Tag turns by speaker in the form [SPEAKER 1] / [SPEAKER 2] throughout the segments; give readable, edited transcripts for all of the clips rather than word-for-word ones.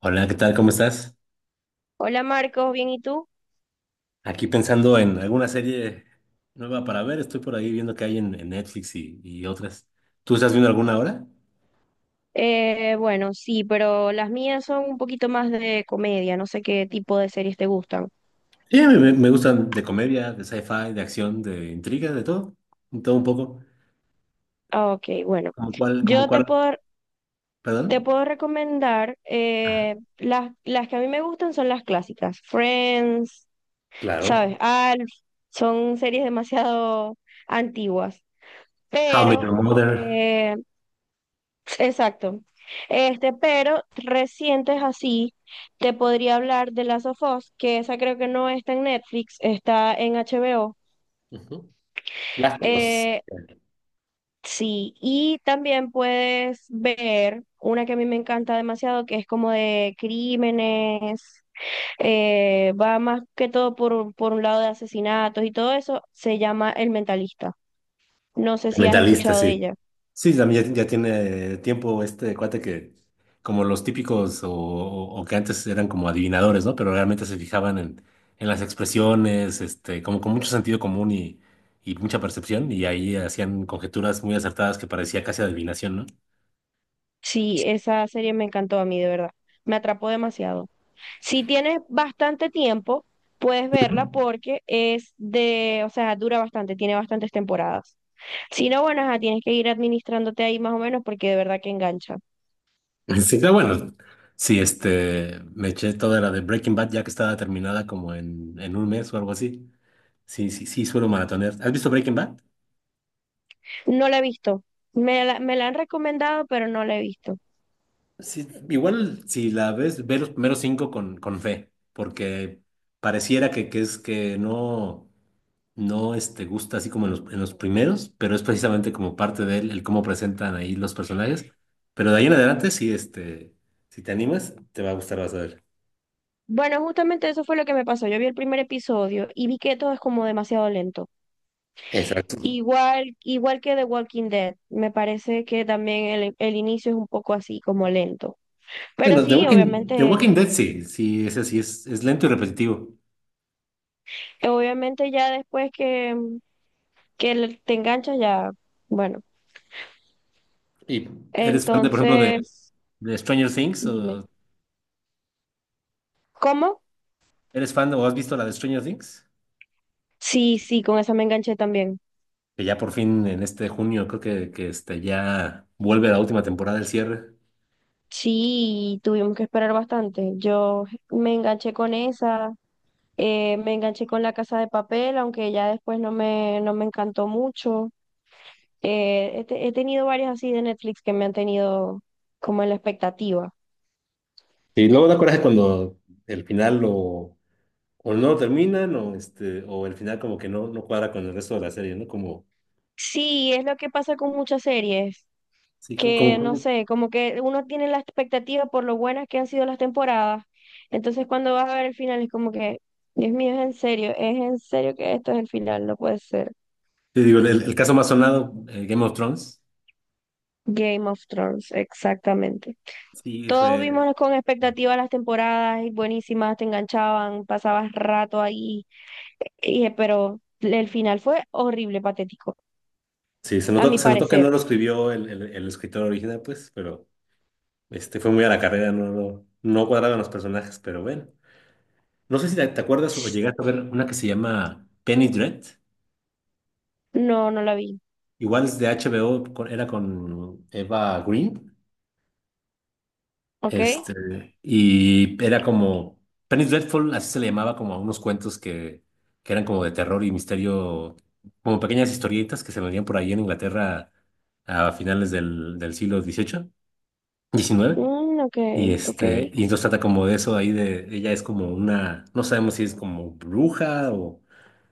[SPEAKER 1] Hola, ¿qué tal? ¿Cómo estás?
[SPEAKER 2] Hola Marcos, ¿bien y tú?
[SPEAKER 1] Aquí pensando en alguna serie nueva para ver. Estoy por ahí viendo que hay en Netflix y otras. ¿Tú estás viendo alguna ahora?
[SPEAKER 2] Bueno, sí, pero las mías son un poquito más de comedia, no sé qué tipo de series te gustan.
[SPEAKER 1] Sí, me gustan de comedia, de sci-fi, de acción, de intriga, de todo. De todo un poco.
[SPEAKER 2] Ah, ok, bueno,
[SPEAKER 1] ¿Como cuál? ¿Como
[SPEAKER 2] yo te
[SPEAKER 1] cuál?
[SPEAKER 2] puedo, te
[SPEAKER 1] ¿Perdón?
[SPEAKER 2] puedo recomendar,
[SPEAKER 1] Ajá,
[SPEAKER 2] las que a mí me gustan son las clásicas, Friends, ¿sabes?
[SPEAKER 1] claro.
[SPEAKER 2] Alf, son series demasiado antiguas,
[SPEAKER 1] How I Met
[SPEAKER 2] pero
[SPEAKER 1] Your Mother.
[SPEAKER 2] eh, exacto. Este, pero recientes así, te podría hablar de Last of Us, que esa creo que no está en Netflix, está en HBO.
[SPEAKER 1] Ujú. Las conozco.
[SPEAKER 2] Eh, sí, y también puedes ver una que a mí me encanta demasiado, que es como de crímenes, va más que todo por un lado de asesinatos y todo eso, se llama El Mentalista. No sé si has
[SPEAKER 1] Mentalista,
[SPEAKER 2] escuchado de
[SPEAKER 1] sí.
[SPEAKER 2] ella.
[SPEAKER 1] Sí, también ya, ya tiene tiempo este cuate que, como los típicos o que antes eran como adivinadores, ¿no? Pero realmente se fijaban en las expresiones, este, como con mucho sentido común y mucha percepción, y ahí hacían conjeturas muy acertadas que parecía casi adivinación, ¿no?
[SPEAKER 2] Sí, esa serie me encantó a mí, de verdad. Me atrapó demasiado. Si tienes bastante tiempo, puedes verla porque es de, o sea, dura bastante, tiene bastantes temporadas. Si no, bueno, ajá, tienes que ir administrándote ahí más o menos porque de verdad que engancha.
[SPEAKER 1] Sí, pero bueno, sí, este, me eché toda la de Breaking Bad ya que estaba terminada como en un mes o algo así. Sí, sí, sí, suelo maratonear. ¿Has visto Breaking Bad?
[SPEAKER 2] No la he visto. Me la han recomendado, pero no la he visto.
[SPEAKER 1] Sí, igual si la ves, ve los primeros cinco con fe, porque pareciera que es que no este, gusta así como en los primeros, pero es precisamente como parte de él, el cómo presentan ahí los personajes. Pero de ahí en adelante, sí, este, si te animas, te va a gustar, vas a ver.
[SPEAKER 2] Bueno, justamente eso fue lo que me pasó. Yo vi el primer episodio y vi que todo es como demasiado lento.
[SPEAKER 1] Exacto.
[SPEAKER 2] Igual, igual que The Walking Dead, me parece que también el inicio es un poco así, como lento. Pero
[SPEAKER 1] Bueno, The
[SPEAKER 2] sí,
[SPEAKER 1] Walking, The
[SPEAKER 2] obviamente,
[SPEAKER 1] Walking Dead sí, sí, ese sí es lento y repetitivo.
[SPEAKER 2] obviamente ya después que le- te enganchas ya, bueno.
[SPEAKER 1] ¿Y eres fan de, por ejemplo, de,
[SPEAKER 2] Entonces,
[SPEAKER 1] de Stranger Things?
[SPEAKER 2] dime,
[SPEAKER 1] ¿O
[SPEAKER 2] ¿cómo?
[SPEAKER 1] eres fan o has visto la de Stranger Things?
[SPEAKER 2] Sí, sí, con esa me enganché también.
[SPEAKER 1] Que ya por fin en este junio creo que este, ya vuelve la última temporada del cierre.
[SPEAKER 2] Sí, tuvimos que esperar bastante. Yo me enganché con esa, me enganché con La Casa de Papel, aunque ya después no me encantó mucho. He tenido varias así de Netflix que me han tenido como en la expectativa.
[SPEAKER 1] Y luego da coraje cuando el final o no lo terminan o, este, o el final como que no cuadra con el resto de la serie, ¿no?
[SPEAKER 2] Sí, es lo que pasa con muchas series,
[SPEAKER 1] Sí, como,
[SPEAKER 2] que no
[SPEAKER 1] como-
[SPEAKER 2] sé, como que uno tiene la expectativa por lo buenas que han sido las temporadas. Entonces cuando vas a ver el final es como que, Dios mío, es en serio que esto es el final, no puede ser.
[SPEAKER 1] te digo, el caso más sonado, Game of Thrones,
[SPEAKER 2] Game of Thrones, exactamente.
[SPEAKER 1] sí,
[SPEAKER 2] Todos
[SPEAKER 1] fue,
[SPEAKER 2] vimos con expectativa las temporadas y buenísimas, te enganchaban, pasabas rato ahí, pero el final fue horrible, patético,
[SPEAKER 1] sí,
[SPEAKER 2] a mi
[SPEAKER 1] se notó que
[SPEAKER 2] parecer.
[SPEAKER 1] no lo escribió el escritor original, pues, pero este, fue muy a la carrera, no, no, no cuadraban los personajes, pero bueno. No sé si te acuerdas o llegaste a ver una que se llama Penny Dread.
[SPEAKER 2] No, no la vi.
[SPEAKER 1] Igual es de HBO, era con Eva Green,
[SPEAKER 2] ¿Ok?
[SPEAKER 1] este, y era como, Penny Dreadful, así se le llamaba como a unos cuentos que eran como de terror y misterio, como pequeñas historietas que se vendían por ahí en Inglaterra a finales del siglo XVIII XIX
[SPEAKER 2] Mm, ok,
[SPEAKER 1] y
[SPEAKER 2] ok.
[SPEAKER 1] este, y entonces trata como de eso ahí de, ella es como una, no sabemos si es como bruja o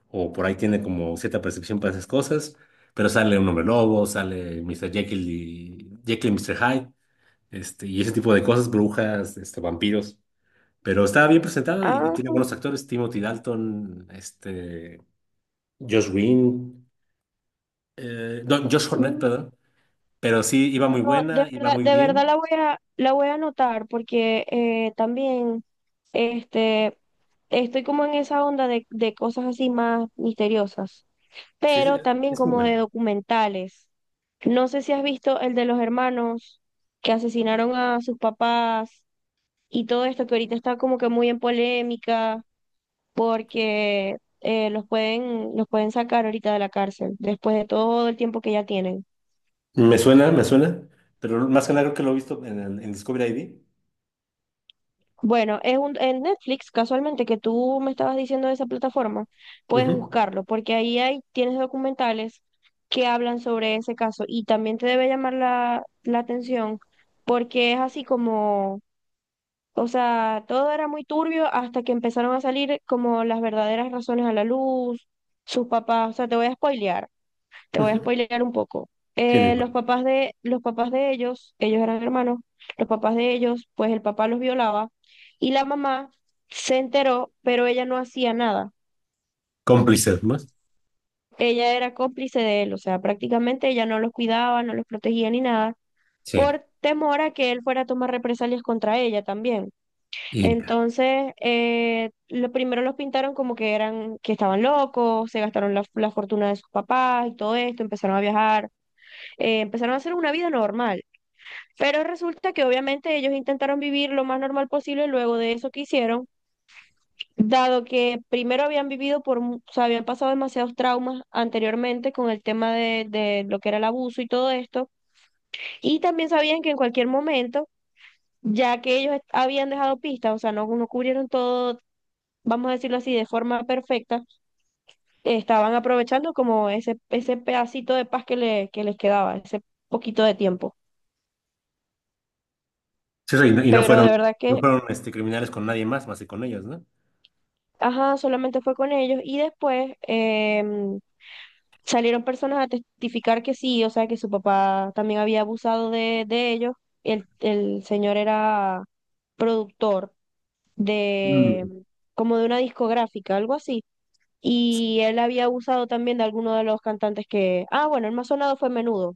[SPEAKER 1] por ahí tiene como cierta percepción para esas cosas, pero sale un hombre lobo, sale mister Jekyll y Mr. Hyde, este, y ese tipo de cosas, brujas, este, vampiros. Pero estaba bien presentado y
[SPEAKER 2] Ah,
[SPEAKER 1] tiene buenos actores, Timothy Dalton, este, Josh Green, no, Josh Hornet,
[SPEAKER 2] mm,
[SPEAKER 1] perdón. Pero sí, iba
[SPEAKER 2] no,
[SPEAKER 1] muy
[SPEAKER 2] de
[SPEAKER 1] buena, iba
[SPEAKER 2] verdad,
[SPEAKER 1] muy bien.
[SPEAKER 2] la voy a anotar porque también este, estoy como en esa onda de cosas así más misteriosas,
[SPEAKER 1] Sí, es,
[SPEAKER 2] pero también
[SPEAKER 1] es muy
[SPEAKER 2] como
[SPEAKER 1] buena.
[SPEAKER 2] de documentales. No sé si has visto el de los hermanos que asesinaron a sus papás y todo esto que ahorita está como que muy en polémica, porque los pueden sacar ahorita de la cárcel, después de todo el tiempo que ya tienen.
[SPEAKER 1] Me suena, pero más que nada creo que lo he visto en, en Discovery ID.
[SPEAKER 2] Bueno, en Netflix, casualmente, que tú me estabas diciendo de esa plataforma, puedes
[SPEAKER 1] Ujú,
[SPEAKER 2] buscarlo, porque tienes documentales que hablan sobre ese caso y también te debe llamar la atención, porque es así como, o sea, todo era muy turbio hasta que empezaron a salir como las verdaderas razones a la luz, sus papás, o sea, te voy a spoilear. Te voy a
[SPEAKER 1] ujú.
[SPEAKER 2] spoilear un poco.
[SPEAKER 1] Tiene bueno.
[SPEAKER 2] Los papás de ellos, ellos eran hermanos, los papás de ellos, pues el papá los violaba y la mamá se enteró, pero ella no hacía nada.
[SPEAKER 1] Cómplices más.
[SPEAKER 2] Ella era cómplice de él, o sea, prácticamente ella no los cuidaba, no los protegía ni nada,
[SPEAKER 1] Sí.
[SPEAKER 2] por temor a que él fuera a tomar represalias contra ella también.
[SPEAKER 1] Y
[SPEAKER 2] Entonces, lo primero los pintaron como que eran, que estaban locos, se gastaron la fortuna de sus papás y todo esto, empezaron a viajar, empezaron a hacer una vida normal. Pero resulta que obviamente ellos intentaron vivir lo más normal posible luego de eso que hicieron, dado que primero habían vivido por, mu- o sea, habían pasado demasiados traumas anteriormente con el tema de lo que era el abuso y todo esto, y también sabían que en cualquier momento, ya que ellos habían dejado pistas, o sea, no cubrieron todo, vamos a decirlo así, de forma perfecta, estaban aprovechando como ese pedacito de paz que les quedaba, ese poquito de tiempo.
[SPEAKER 1] Sí, y no
[SPEAKER 2] Pero de
[SPEAKER 1] fueron,
[SPEAKER 2] verdad
[SPEAKER 1] no
[SPEAKER 2] que
[SPEAKER 1] fueron este, criminales con nadie más, que con ellos, ¿no?
[SPEAKER 2] ajá, solamente fue con ellos y después salieron personas a testificar que sí, o sea, que su papá también había abusado de ellos. El señor era productor de,
[SPEAKER 1] Mm.
[SPEAKER 2] como de una discográfica, algo así. Y él había abusado también de alguno de los cantantes que, ah, bueno, el más sonado fue Menudo,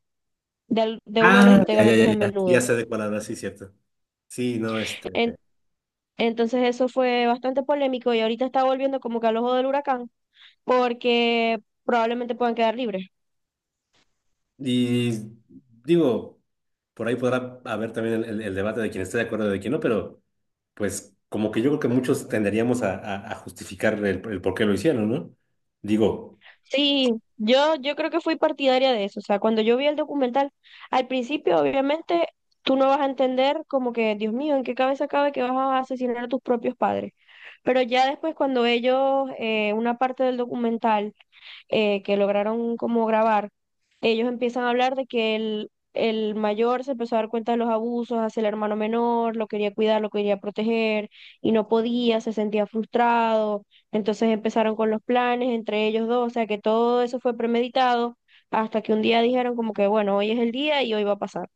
[SPEAKER 2] de uno de los
[SPEAKER 1] Ah, ya, ya,
[SPEAKER 2] integrantes
[SPEAKER 1] ya,
[SPEAKER 2] de
[SPEAKER 1] ya. Sí, ya
[SPEAKER 2] Menudo.
[SPEAKER 1] sé de cuál hablas, sí, cierto. Sí, no, este.
[SPEAKER 2] En- entonces eso fue bastante polémico y ahorita está volviendo como que al ojo del huracán porque probablemente puedan quedar libres.
[SPEAKER 1] Y digo, por ahí podrá haber también el, el debate de quién esté de acuerdo y de quién no, pero pues como que yo creo que muchos tenderíamos a, a justificar el por qué lo hicieron, ¿no? Digo,
[SPEAKER 2] Sí, yo creo que fui partidaria de eso. O sea, cuando yo vi el documental, al principio, obviamente, tú no vas a entender como que, Dios mío, ¿en qué cabeza cabe que vas a asesinar a tus propios padres? Pero ya después, cuando ellos, una parte del documental que lograron como grabar, ellos empiezan a hablar de que el mayor se empezó a dar cuenta de los abusos hacia el hermano menor, lo quería cuidar, lo quería proteger y no podía, se sentía frustrado, entonces empezaron con los planes entre ellos dos, o sea que todo eso fue premeditado hasta que un día dijeron como que bueno, hoy es el día y hoy va a pasar.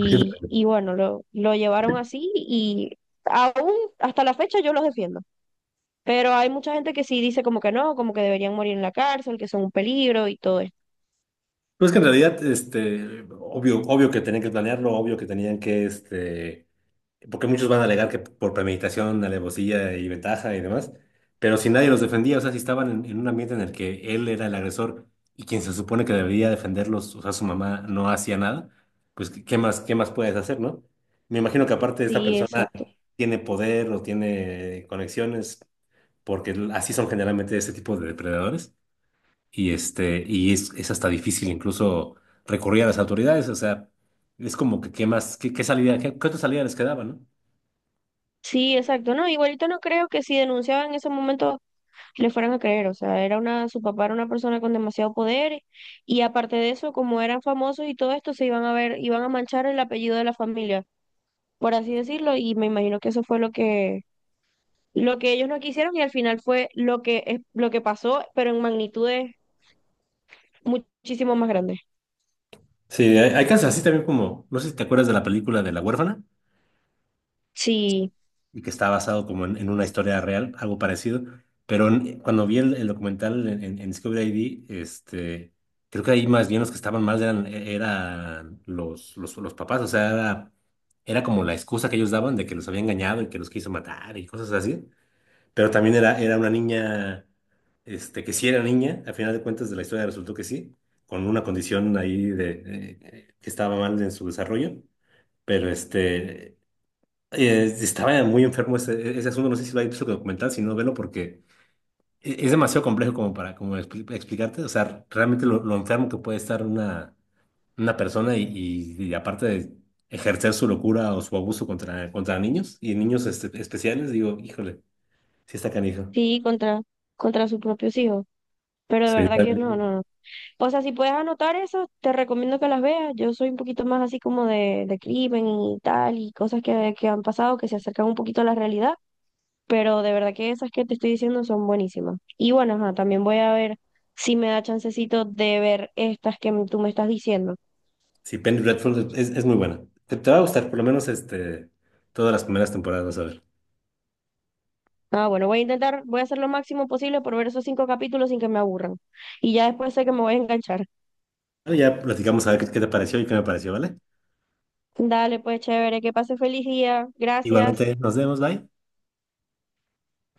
[SPEAKER 1] pues
[SPEAKER 2] Y bueno, lo llevaron así y aún hasta la fecha yo los defiendo. Pero hay mucha gente que sí dice como que no, como que deberían morir en la cárcel, que son un peligro y todo esto.
[SPEAKER 1] pues que en realidad, este, obvio, obvio que tenían que planearlo, obvio que tenían que, este. Porque muchos van a alegar que por premeditación, alevosía y ventaja y demás, pero si nadie los defendía, o sea, si estaban en un ambiente en el que él era el agresor y quien se supone que debería defenderlos, o sea, su mamá no hacía nada, pues, ¿qué más, qué más puedes hacer? ¿No? Me imagino que aparte esta
[SPEAKER 2] Sí,
[SPEAKER 1] persona
[SPEAKER 2] exacto.
[SPEAKER 1] tiene poder o tiene conexiones, porque así son generalmente ese tipo de depredadores, y este, y es hasta difícil incluso recurrir a las autoridades, o sea, es como que qué más, qué salida, qué otra salida les quedaba, ¿no?
[SPEAKER 2] Sí, exacto. No, igualito no creo que si denunciaban en ese momento le fueran a creer. O sea, era una, su papá era una persona con demasiado poder y aparte de eso, como eran famosos y todo esto, se iban a ver, iban a manchar el apellido de la familia, por así decirlo. Y me imagino que eso fue lo que ellos no quisieron y al final fue lo que, es- lo que pasó, pero en magnitudes muchísimo más grandes.
[SPEAKER 1] Sí, hay casos así también como, no sé si te acuerdas de la película de La Huérfana,
[SPEAKER 2] Sí.
[SPEAKER 1] y que está basado como en una historia real, algo parecido, pero cuando vi el documental en Discovery ID, este, creo que ahí más bien los que estaban mal eran los papás, o sea, era como la excusa que ellos daban de que los había engañado y que los quiso matar y cosas así, pero también era una niña, este, que sí era niña, al final de cuentas de la historia resultó que sí, con una condición ahí de, que estaba mal en su desarrollo. Pero este, estaba muy enfermo ese, asunto, no sé si lo hay visto que documental, si no, velo porque es demasiado complejo como para como explicarte, o sea, realmente lo enfermo que puede estar una persona y aparte de ejercer su locura o su abuso contra niños y niños este, especiales, digo, híjole, sí está canijo.
[SPEAKER 2] Sí, contra, contra sus propios hijos. Pero de
[SPEAKER 1] Sí,
[SPEAKER 2] verdad
[SPEAKER 1] está
[SPEAKER 2] que no,
[SPEAKER 1] bien.
[SPEAKER 2] no, no. O sea, si puedes anotar eso, te recomiendo que las veas. Yo soy un poquito más así como de crimen y tal, y cosas que han pasado que se acercan un poquito a la realidad. Pero de verdad que esas que te estoy diciendo son buenísimas. Y bueno, ajá, también voy a ver si me da chancecito de ver estas que tú me estás diciendo.
[SPEAKER 1] Sí, Penny Dreadful es muy buena. Te va a gustar, por lo menos este, todas las primeras temporadas, vas a ver.
[SPEAKER 2] Ah, bueno, voy a intentar, voy a hacer lo máximo posible por ver esos cinco capítulos sin que me aburran. Y ya después sé que me voy a enganchar.
[SPEAKER 1] Bueno, ya platicamos a ver qué, te pareció y qué me pareció, ¿vale?
[SPEAKER 2] Dale, pues chévere, que pase feliz día. Gracias.
[SPEAKER 1] Igualmente, nos vemos, bye.